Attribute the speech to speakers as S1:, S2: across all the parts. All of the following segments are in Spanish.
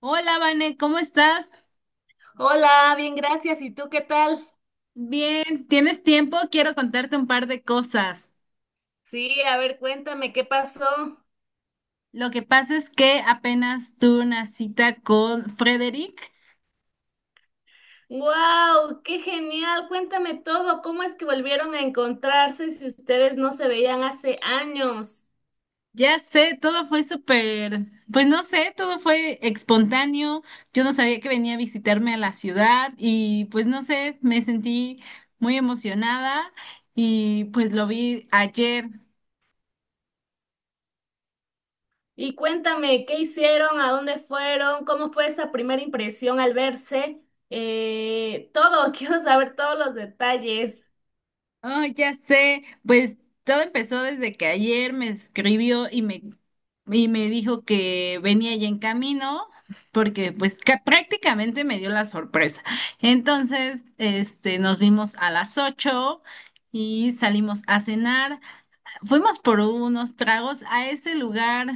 S1: Hola, Vane, ¿cómo estás?
S2: Hola, bien, gracias. ¿Y tú qué tal?
S1: Bien, ¿tienes tiempo? Quiero contarte un par de cosas.
S2: Sí, a ver, cuéntame qué pasó.
S1: Lo que pasa es que apenas tuve una cita con Frederick.
S2: ¡Wow! ¡Qué genial! Cuéntame todo. ¿Cómo es que volvieron a encontrarse si ustedes no se veían hace años?
S1: Ya sé, todo fue súper, pues no sé, todo fue espontáneo. Yo no sabía que venía a visitarme a la ciudad y pues no sé, me sentí muy emocionada y pues lo vi ayer.
S2: Y cuéntame, ¿qué hicieron? ¿A dónde fueron? ¿Cómo fue esa primera impresión al verse? Quiero saber todos los detalles.
S1: Oh, ya sé, pues todo empezó desde que ayer me escribió y y me dijo que venía ya en camino, porque pues prácticamente me dio la sorpresa. Entonces, nos vimos a las 8:00 y salimos a cenar. Fuimos por unos tragos a ese lugar,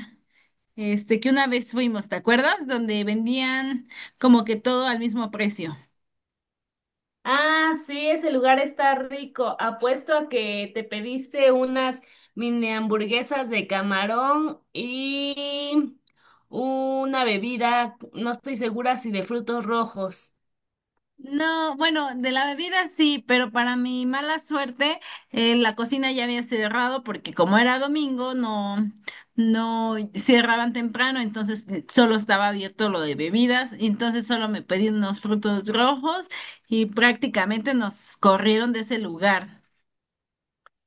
S1: que una vez fuimos, ¿te acuerdas? Donde vendían como que todo al mismo precio.
S2: Ah, sí, ese lugar está rico. Apuesto a que te pediste unas mini hamburguesas de camarón y una bebida, no estoy segura si de frutos rojos.
S1: No, bueno, de la bebida sí, pero para mi mala suerte, la cocina ya había cerrado porque como era domingo, no, no cerraban temprano, entonces solo estaba abierto lo de bebidas, entonces solo me pedí unos frutos rojos y prácticamente nos corrieron de ese lugar.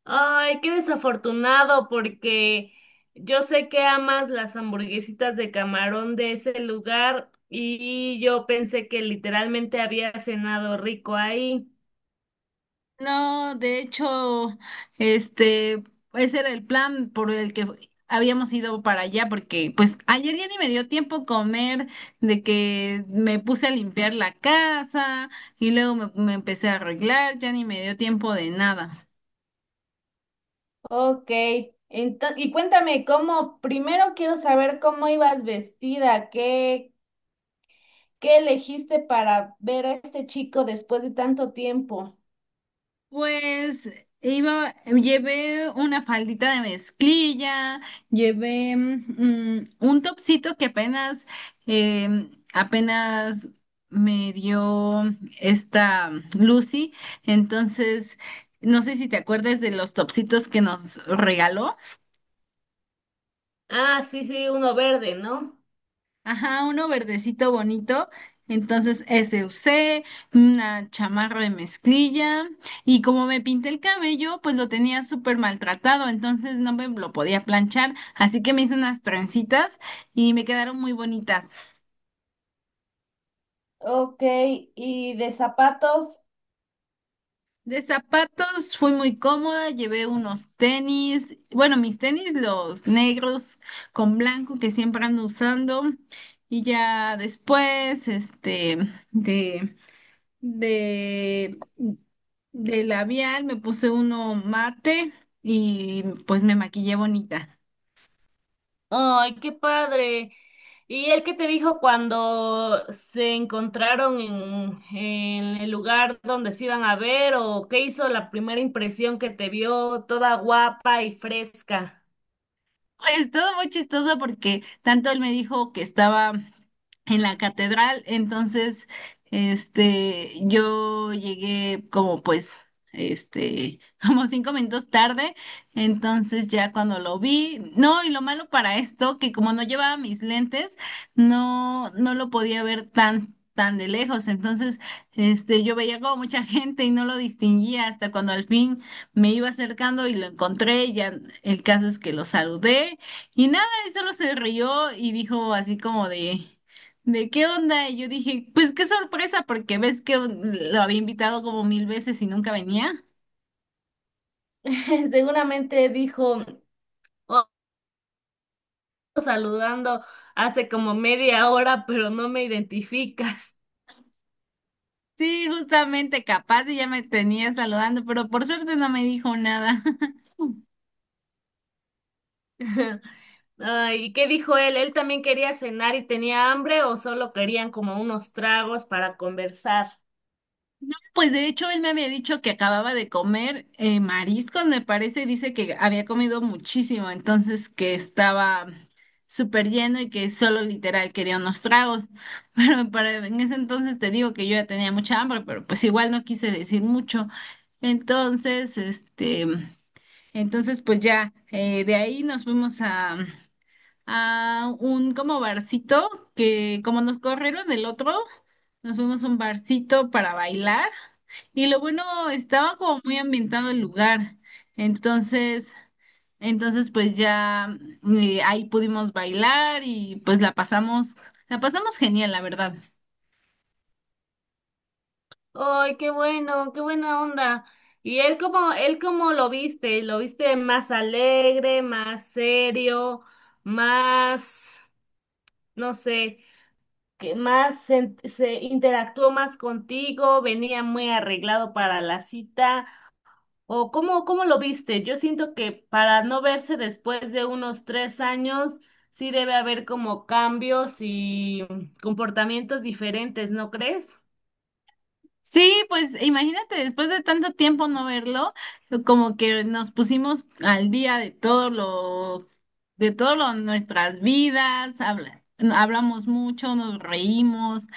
S2: Ay, qué desafortunado, porque yo sé que amas las hamburguesitas de camarón de ese lugar y yo pensé que literalmente había cenado rico ahí.
S1: No, de hecho, este, ese era el plan por el que habíamos ido para allá, porque pues ayer ya ni me dio tiempo comer, de que me puse a limpiar la casa y luego me empecé a arreglar, ya ni me dio tiempo de nada.
S2: Ok, y cuéntame cómo, primero quiero saber cómo ibas vestida, qué elegiste para ver a este chico después de tanto tiempo.
S1: Pues iba, llevé una faldita de mezclilla, llevé un topsito que apenas me dio esta Lucy. Entonces, no sé si te acuerdas de los topsitos que nos regaló.
S2: Ah, sí, sí, uno verde, ¿no?
S1: Ajá, uno verdecito bonito. Entonces ese usé, una chamarra de mezclilla y como me pinté el cabello, pues lo tenía súper maltratado, entonces no me lo podía planchar, así que me hice unas trencitas y me quedaron muy bonitas.
S2: Ok, ¿y de zapatos?
S1: De zapatos fui muy cómoda, llevé unos tenis, bueno, mis tenis los negros con blanco que siempre ando usando y ya después, de... de, de labial, me puse uno mate y pues me maquillé bonita.
S2: Ay, qué padre. ¿Y él qué te dijo cuando se encontraron en el lugar donde se iban a ver o qué hizo la primera impresión que te vio toda guapa y fresca?
S1: Es todo muy chistoso porque tanto él me dijo que estaba en la catedral, entonces, yo llegué como pues, este, como 5 minutos tarde, entonces ya cuando lo vi, no, y lo malo para esto, que como no llevaba mis lentes, no, no lo podía ver tan, tan de lejos, entonces, yo veía como mucha gente y no lo distinguía hasta cuando al fin me iba acercando y lo encontré, ya el caso es que lo saludé y nada, y solo se rió y dijo así como ¿de qué onda? Y yo dije, pues qué sorpresa, porque ves que lo había invitado como mil veces y nunca venía.
S2: Seguramente dijo, oh, saludando hace como media hora, pero no me identificas.
S1: Sí, justamente capaz y ya me tenía saludando, pero por suerte no me dijo nada.
S2: Ay, ¿y qué dijo él? ¿Él también quería cenar y tenía hambre o solo querían como unos tragos para conversar?
S1: Pues de hecho, él me había dicho que acababa de comer mariscos, me parece, dice que había comido muchísimo, entonces que estaba súper lleno y que solo literal quería unos tragos. Pero para, en ese entonces te digo que yo ya tenía mucha hambre, pero pues igual no quise decir mucho. Entonces, este, entonces pues ya de ahí nos fuimos a un como barcito que como nos corrieron el otro, nos fuimos a un barcito para bailar y lo bueno estaba como muy ambientado el lugar. Entonces, entonces pues ya ahí pudimos bailar y pues la pasamos genial, la verdad.
S2: Ay, qué bueno, qué buena onda. ¿Y él cómo lo viste? ¿Lo viste más alegre, más serio, más, no sé? Que más se interactuó más contigo, venía muy arreglado para la cita, o cómo lo viste. Yo siento que para no verse después de unos 3 años, sí debe haber como cambios y comportamientos diferentes, ¿no crees?
S1: Sí, pues imagínate, después de tanto tiempo no verlo, como que nos pusimos al día de todo lo, nuestras vidas, no, hablamos mucho, nos reímos,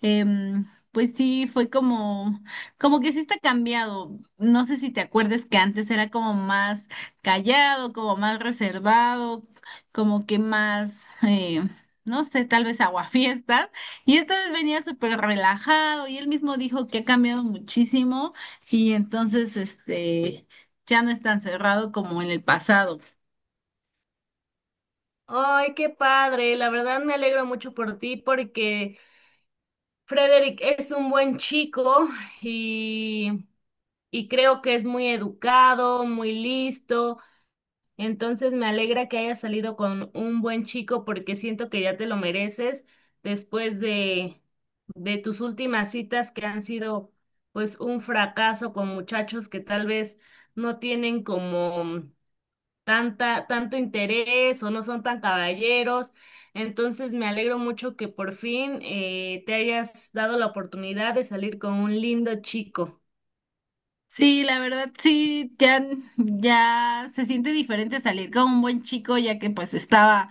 S1: pues sí, fue como, como que sí está cambiado. No sé si te acuerdes que antes era como más callado, como más reservado, como que más, no sé, tal vez aguafiestas. Y esta vez venía súper relajado y él mismo dijo que ha cambiado muchísimo y entonces ya no es tan cerrado como en el pasado.
S2: Ay, qué padre, la verdad me alegro mucho por ti porque Frederick es un buen chico y, y creo que es muy educado, muy listo. Entonces me alegra que hayas salido con un buen chico porque siento que ya te lo mereces después de tus últimas citas que han sido pues un fracaso con muchachos que tal vez no tienen como tanta, tanto interés o no son tan caballeros. Entonces me alegro mucho que por fin te hayas dado la oportunidad de salir con un lindo chico.
S1: Sí, la verdad, sí, ya, ya se siente diferente salir con un buen chico ya que pues estaba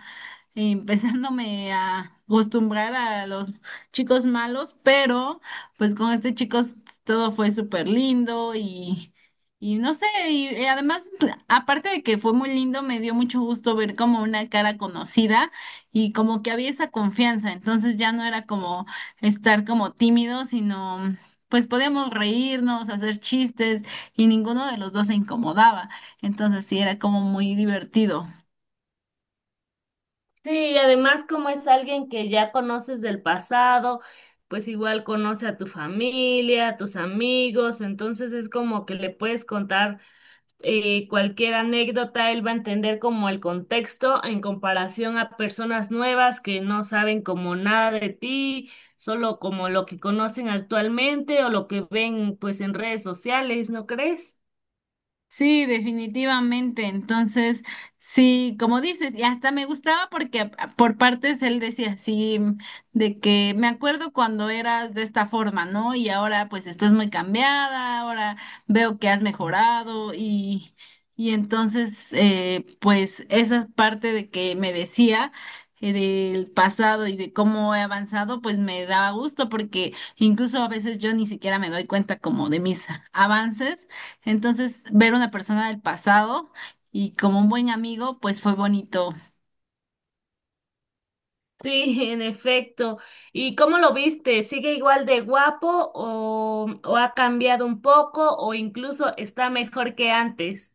S1: empezándome a acostumbrar a los chicos malos, pero pues con este chico todo fue súper lindo y no sé, y además, aparte de que fue muy lindo, me dio mucho gusto ver como una cara conocida y como que había esa confianza, entonces ya no era como estar como tímido, sino pues podíamos reírnos, hacer chistes y ninguno de los dos se incomodaba, entonces sí era como muy divertido.
S2: Sí, y además como es alguien que ya conoces del pasado, pues igual conoce a tu familia, a tus amigos, entonces es como que le puedes contar cualquier anécdota, él va a entender como el contexto en comparación a personas nuevas que no saben como nada de ti, solo como lo que conocen actualmente o lo que ven pues en redes sociales, ¿no crees?
S1: Sí, definitivamente. Entonces, sí, como dices, y hasta me gustaba porque por partes él decía así, de que me acuerdo cuando eras de esta forma, ¿no? Y ahora pues estás muy cambiada, ahora veo que has mejorado y entonces, pues esa parte de que me decía del pasado y de cómo he avanzado, pues me daba gusto porque incluso a veces yo ni siquiera me doy cuenta como de mis avances entonces, ver una persona del pasado y como un buen amigo, pues fue bonito.
S2: Sí, en efecto. ¿Y cómo lo viste? ¿Sigue igual de guapo o ha cambiado un poco o incluso está mejor que antes?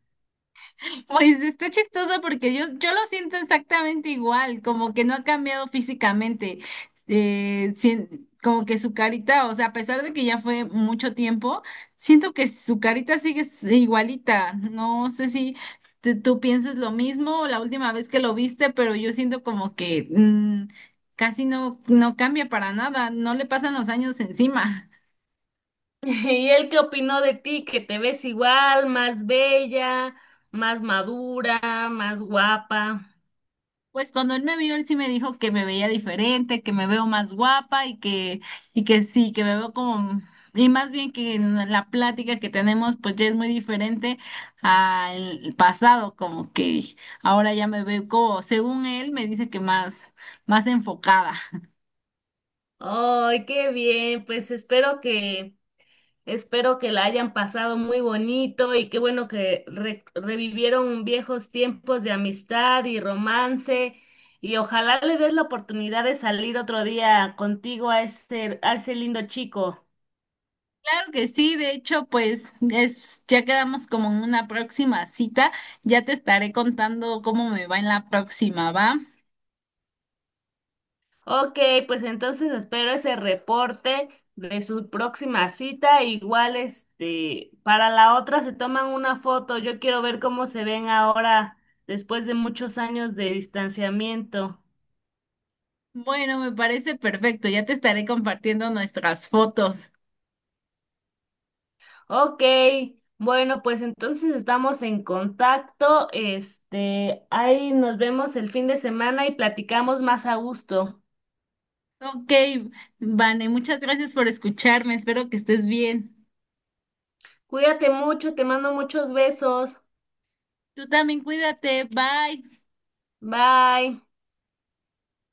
S1: Pues está chistoso porque yo lo siento exactamente igual, como que no ha cambiado físicamente. Como que su carita, o sea, a pesar de que ya fue mucho tiempo, siento que su carita sigue igualita. No sé si tú piensas lo mismo la última vez que lo viste, pero yo siento como que casi no, no cambia para nada, no le pasan los años encima.
S2: ¿Y él qué opinó de ti? ¿Que te ves igual, más bella, más madura, más guapa?
S1: Pues cuando él me vio, él sí me dijo que me veía diferente, que me veo más guapa y que sí, que me veo como, y más bien que en la plática que tenemos, pues ya es muy diferente al pasado, como que ahora ya me veo como, según él, me dice que más, más enfocada.
S2: Ay, qué bien. Espero que la hayan pasado muy bonito y qué bueno que revivieron viejos tiempos de amistad y romance y ojalá le des la oportunidad de salir otro día contigo a a ese lindo chico.
S1: Claro que sí, de hecho, pues es, ya quedamos como en una próxima cita, ya te estaré contando cómo me va en la próxima, ¿va?
S2: Ok, pues entonces espero ese reporte de su próxima cita. Igual, este, para la otra se toman una foto. Yo quiero ver cómo se ven ahora después de muchos años de distanciamiento.
S1: Bueno, me parece perfecto. Ya te estaré compartiendo nuestras fotos.
S2: Ok, bueno, pues entonces estamos en contacto. Este, ahí nos vemos el fin de semana y platicamos más a gusto.
S1: Ok, Vane, muchas gracias por escucharme. Espero que estés bien.
S2: Cuídate mucho, te mando muchos besos.
S1: Tú también cuídate. Bye.
S2: Bye.